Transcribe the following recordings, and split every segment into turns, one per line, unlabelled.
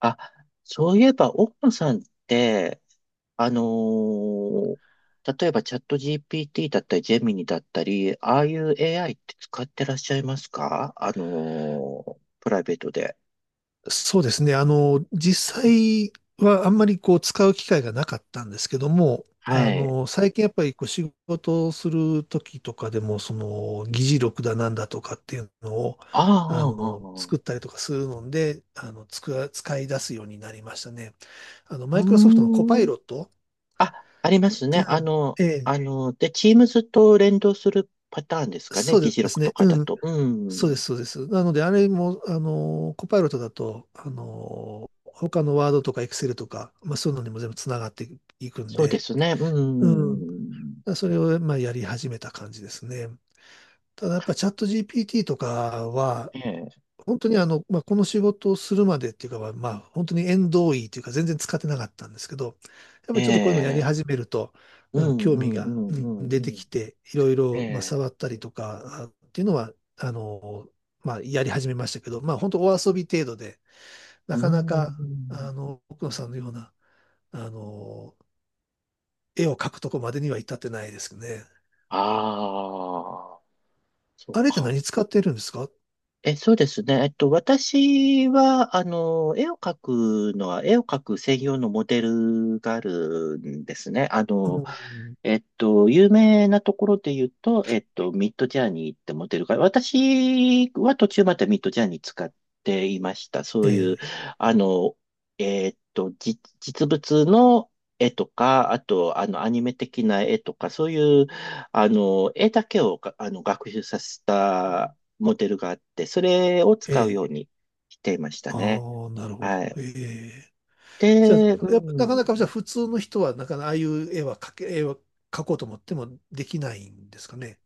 あ、そういえば、奥野さんって、あのー例えばチャット GPT だったり、ジェミニだったり、ああいう AI って使ってらっしゃいますか、プライベートで？
そうですね。実際はあんまりこう使う機会がなかったんですけども、
はい。
最近やっぱりこう仕事をする時とかでも、その議事録だなんだとかっていうのを、
ああ、ああ、あ
作っ
あ、
たりとかするので、使い出すようになりましたね。
う
マイクロソフトのコ
ー
パイ
ん。
ロット。
ありますね。
うん。ええ、
で、Teams と連動するパターンですかね。
そ
議
う
事
です
録と
ね。
かだ
うん。
と。う
そうで
ん。
す、そうです。なので、あれも、コパイロットだと、他のワードとかエクセルとか、まあ、そういうのにも全部つながっていくん
そうで
で、
すね。う
うん。
ん。
それを、まあ、やり始めた感じですね。ただ、やっぱチャット GPT とかは、
ええ、
本当にあの、まあ、この仕事をするまでっていうかは、まあ、本当に縁遠いというか全然使ってなかったんですけど、やっぱ
え
りちょっとこういうのやり
え、
始めると、
う
うん、
ん、
興
う
味
ん、う
が
ん、
う
う
ん出
ん。
て
うん、
きて、いろい
え
ろ、まあ、
え、
触ったりとかあっていうのは、まあ、やり始めましたけど、まあ、本当お遊び程度で、
う
な
ー
かなか、
ん。
奥野さんのような、あの、絵を描くとこまでには至ってないですね。
ああ、そっ
あれって
か。
何使ってるんですか？
そうですね。私は、絵を描く専用のモデルがあるんですね。
うん、
有名なところで言うと、ミッドジャーニーってモデルが、私は途中までミッドジャーニー使っていました。そういう、
え
あの、実物の絵とか、あと、アニメ的な絵とか、そういう、絵だけを学習させたモデルがあって、それを
え、え
使うよ
え、
うにしていましたね。
ああ、なるほ
は
ど。
い。
ええ、じゃ
で、う
あ、やっぱなかなかじゃあ
ん。
普通の人はなかなかああいう絵は描け、絵は描こうと思ってもできないんですかね。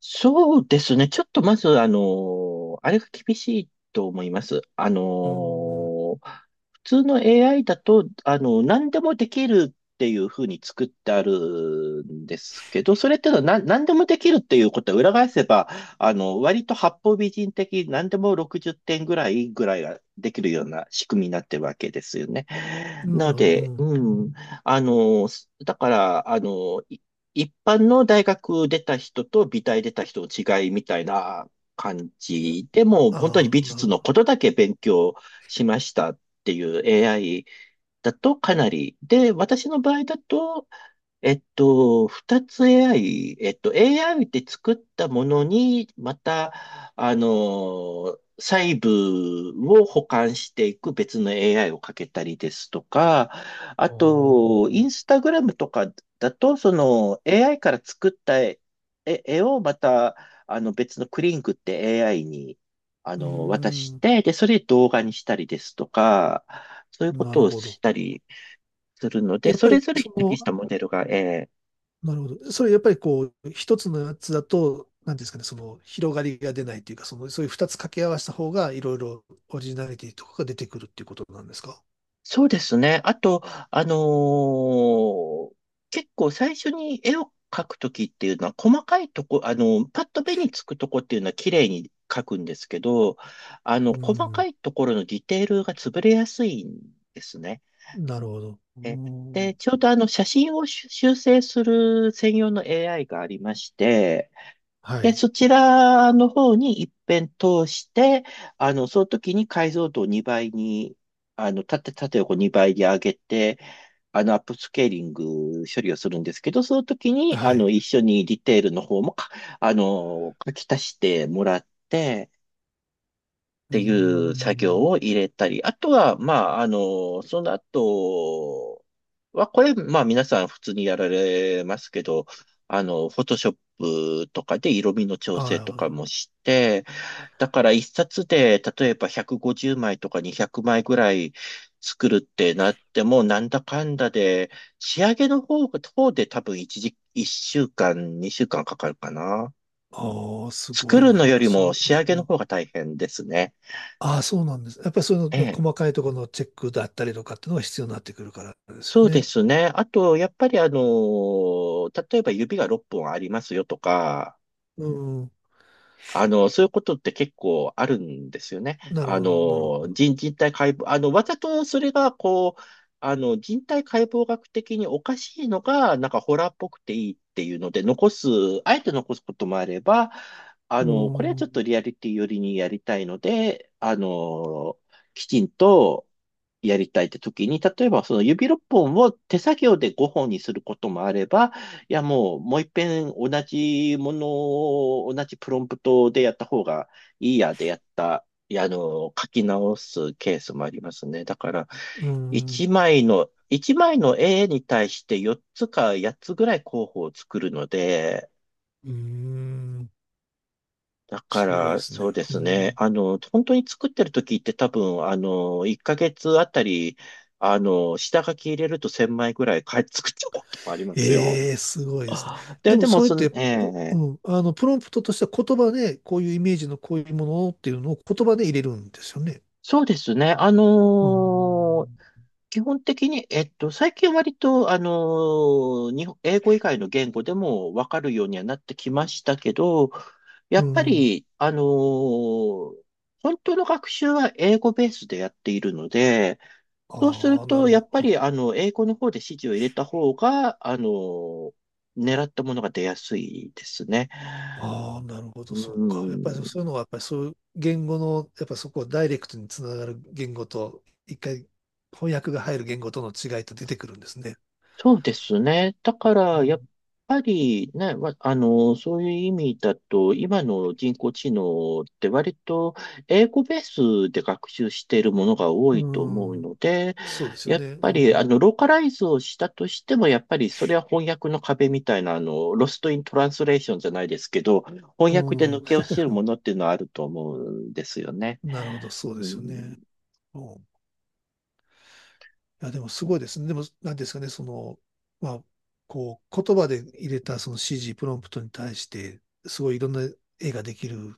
そうですね。ちょっとまず、あれが厳しいと思います。
うん、
普通の AI だと、何でもできるっていうふうに作ってあるんですけど、それっていうのは何でもできるっていうことは裏返せば、割と八方美人的、何でも60点ぐらいができるような仕組みになってるわけですよね。な
なる
の
ほど。う
で、
ん。
うん、あの、だから、一般の大学出た人と美大出た人の違いみたいな感じでも本当に
あ
美
あ、な
術
る
の
ほ
ことだけ勉強しましたっていう AI だとかなり。で、私の場合だと二つ AI、AI って作ったものに、また、細部を補完していく別の AI をかけたりですとか、あ
ど。
と、
あ
インス
あ、
タグラムとかだと、その AI から作った絵をまた、別のクリンクって AI に、
う
渡し
ん、
て、で、それ動画にしたりですとか、そういうこ
な
と
る
を
ほ
し
ど。
たりするので、
やっ
そ
ぱ
れ
り
ぞれに
そ
適し
の、
たモデルが、
なるほど。それやっぱりこう、一つのやつだと、なんていうんですかね、その広がりが出ないというか、その、そういう二つ掛け合わせた方が、いろいろオリジナリティとかが出てくるっていうことなんですか。
そうですね。あと、あのー結構最初に絵を描くときっていうのは、細かいとこ、パッと目につくとこっていうのは綺麗に描くんですけど、
う
細か
ん、
いところのディテールが潰れやすいんですね。
なるほど。う
えで、
ん、
ちょうど写真を修正する専用の AI がありまして、
は
で、
い。
そちらの方に一遍通して、その時に解像度を2倍に、縦横2倍に上げて、アップスケーリング処理をするんですけど、その時に、
はい。
一緒にディテールの方も書き足してもらって、っ
う
ていう作業
ん、
を入れたり、あとは、まあ、その後は、これ、まあ皆さん普通にやられますけど、フォトショップとかで色味の調
あ
整とか
あ、
もして、だから一冊で、例えば150枚とか200枚ぐらい作るってなっても、なんだかんだで、仕上げの方で多分一週間、二週間かかるかな。
ああすご
作
いな。
るの
やっ
よ
ぱり
り
そ
も
の、
仕上げ
う
の
ん、
方が大変ですね。
ああ、そうなんです。やっぱりそうい
え
うの
え。
細かいところのチェックだったりとかっていうのが必要になってくるからですよ
そうで
ね。
すね。あと、やっぱり例えば指が6本ありますよとか、
うん。
そういうことって結構あるんですよね。
なるほど、なるほ
人体解剖、わざとそれが、こう、人体解剖学的におかしいのが、なんかホラーっぽくていいっていうので、あえて残すこともあれば、
ど。
これは
う
ちょっ
ん。
とリアリティ寄りにやりたいので、きちんとやりたいって時に、例えばその指6本を手作業で5本にすることもあれば、いや、もう、もう一遍同じものを、同じプロンプトでやった方がいいやでやった、いや、書き直すケースもありますね。だから、
うん。
一枚の絵に対して4つか8つぐらい候補を作るので、
うん。
だか
すごいで
ら、
す
そ
ね。
うで
う
すね。
ん。
本当に作ってる時って多分、1ヶ月あたり、下書き入れると1000枚ぐらいか作っちゃうこともありますよ。
ええ、すごいですね。
で、
でも
でも、
それっ
その、
て、
え
う
え。
うん。プロンプトとしては言葉で、こういうイメージのこういうものっていうのを言葉で入れるんですよね。
そうですね。
うん。
基本的に、最近割と、日本英語以外の言語でもわかるようにはなってきましたけど、や
う
っぱ
ん。
り、本当の学習は英語ベースでやっているので、そうする
ああ、な
と、や
る
っぱ
ほ
り、
ど。
英語の方で指示を入れた方が、狙ったものが出やすいですね。
ああ、なるほど、
う
そっか。やっぱりそ
ん。
ういうのは、やっぱりそういう言語の、やっぱそこをダイレクトにつながる言語と、一回翻訳が入る言語との違いって出てくるんですね。
そうですね。だから、やっぱりね、ま、そういう意味だと、今の人工知能って割と英語ベースで学習しているものが多
う
いと思う
ん、うん、
ので、
そうですよ
やっ
ね。
ぱ
う
り、ローカライズをしたとしても、やっぱりそれは翻訳の壁みたいな、ロストイントランスレーションじゃないですけど、翻訳で
ん、う
抜
ん、
け落ちるものっていうのはあると思うんですよね。
なるほど、
う
そうですよ
ん、
ね。うん、いや、でもすごいですね。でも、なんですかね、その、まあ、こう、言葉で入れたその指示、プロンプトに対して、すごいいろんな絵ができる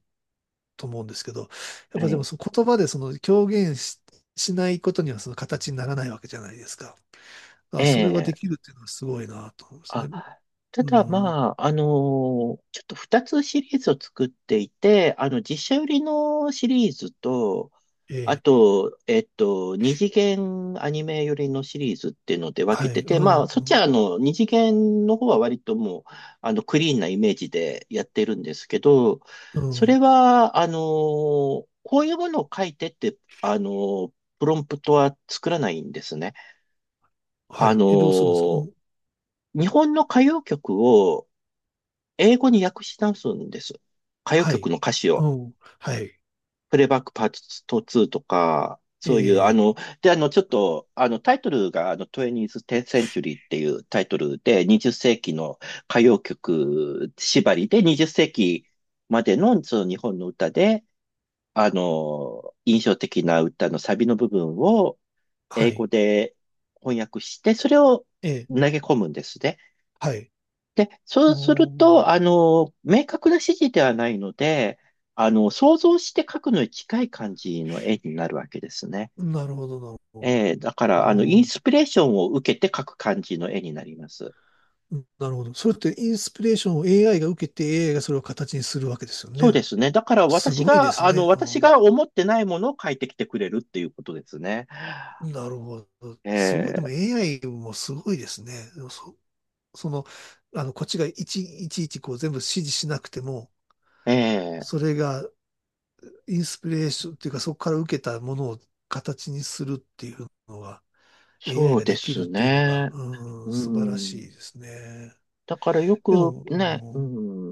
と思うんですけど、やっ
え
ぱでも
え、
その言葉でその表現し、しないことにはその形にならないわけじゃないですか。あ、それが
え
でき
え、
るっていうのはすごいなと思うんです
あ、
ね。
た
う
だ
ん、
まあ、ちょっと2つシリーズを作っていて、実写売りのシリーズと、
え
あ
え、
と、二次元アニメ寄りのシリーズっていうので分け
は
て
い、
て、
う
まあ、そっち
ん、
は二次元の方は割ともう、クリーンなイメージでやってるんですけど、
う
そ
ん、
れは、こういうものを書いてって、プロンプトは作らないんですね。
は
あ
い。
の
え、どうするんですか？う
ー
ん、
日本の歌謡曲を、英語に訳し直すんです。歌謡
は
曲
い、
の歌詞
う
を。
ん、はい、
プレイバックパート2とか、
え
そういう、あ
え、
の、で、あの、ちょっと、あの、タイトルが、20th Century っていうタイトルで、20世紀の歌謡曲縛りで、20世紀までの、その日本の歌で、印象的な歌のサビの部分を
は
英
い、
語で翻訳して、それを
ええ、
投げ込むんですね。
はい。
で、そうす
お
る
ー、
と、明確な指示ではないので、想像して描くのに近い感じの絵になるわけですね。
なるほど、なるほど。
だから、イン
おー、
スピレーションを受けて描く感じの絵になります。
うん、なるほど。それってインスピレーションを AI が受けて AI がそれを形にするわけですよ
そう
ね。
ですね。だから
す
私
ごいで
が、
すね。
私
あ、
が思ってないものを描いてきてくれるっていうことですね。
なるほど。すごい。でも
え
AI もすごいですね。でもそ、その、こっちがいちいちこう全部指示しなくても、
ーえ
そ
ー
れがインスピレーションっていうか、そこから受けたものを形にするっていうのが、AI
そう
が
で
でき
す
るっていうのが、
ね。
うん、
う
素晴らしい
ん。
ですね。
だからよ
で
く
も、
ね、う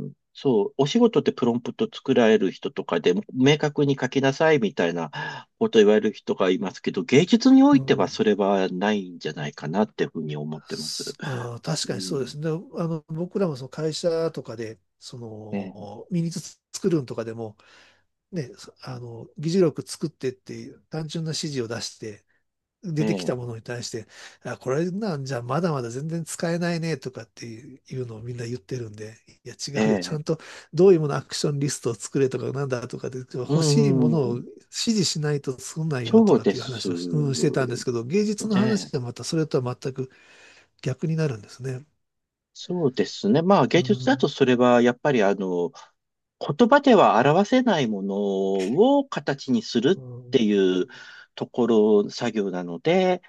ん、そう、お仕事ってプロンプト作られる人とかで、明確に書きなさいみたいなこと言われる人がいますけど、芸術にお
うん、
いて
う
は
ん、
それはないんじゃないかなっていうふうに思ってます。
すあー、確
う
かにそうで
ん、
すね。で、僕らもその会社とかで、そ
ええ、
の、ミニツ作るんとかでも、ね、議事録作ってっていう単純な指示を出して、
え
出てきた
え、
ものに対して、あ、これなんじゃまだまだ全然使えないねとかっていうのをみんな言ってるんで、いや
え
違うよ、ちゃ
え、
んとどういうものアクションリストを作れとかなんだとかで、
う
欲しいものを
ん、
指示しないと作んないよと
そう
かっ
で
ていう
す
話をし、うん、してたんですけど、芸術の
ね。
話はまたそれとは全く逆になるんですね。
そうですね。まあ芸
う
術だと
ん、
それはやっぱり言葉では表せないものを形にす
う
るって
ん、
いうところ、作業なので、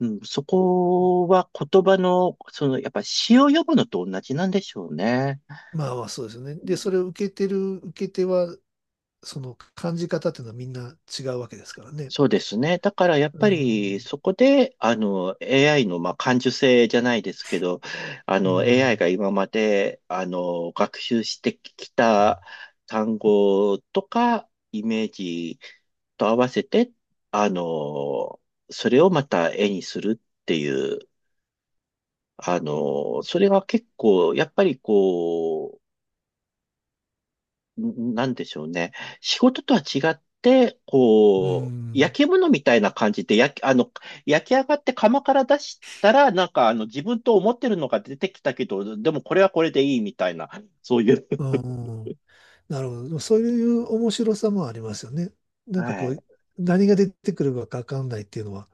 うん、そこは言葉の、その、やっぱ詩を読むのと同じなんでしょうね。
まあまあそうですね。で、それを受けてる受け手はその感じ方っていうのはみんな違うわけですからね。
そうですね。だからやっ
う
ぱり
ん、
そこで、AI の、まあ、感受性じゃないですけど、
う
AI
ん、
が今まで、学習してきた単語とか、イメージと合わせて、あの、それをまた絵にするっていう、それは結構、やっぱりこう、なんでしょうね。仕事とは違って、
う
こう、
ん、
焼き物みたいな感じで、焼き上がって窯から出したら、なんか、自分と思ってるのが出てきたけど、でもこれはこれでいいみたいな、そういう。
うん。なるほど。そういう面白さもありますよね。なんか
は
こ
い。
う、何が出てくるかわかんないっていうのは、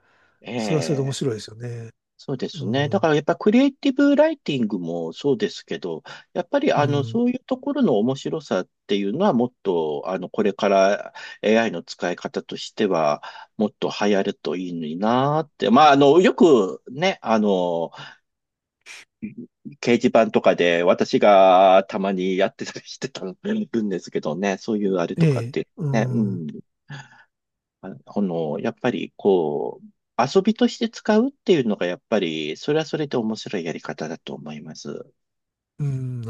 それはそれで
え
面
え
白いですよね。
そうで
う
すね。だか
ん、
らやっぱクリエイティブライティングもそうですけど、やっぱり
うん、
そういうところの面白さっていうのはもっとこれから AI の使い方としてはもっと流行るといいのになーって。まあよくね、掲示板とかで私がたまにやってたりしてたんですけどね、そういうあれ
え
とかっ
え、
て
う
ね、うん。
ん、
やっぱりこう、遊びとして使うっていうのがやっぱり、それはそれで面白いやり方だと思います。
うん。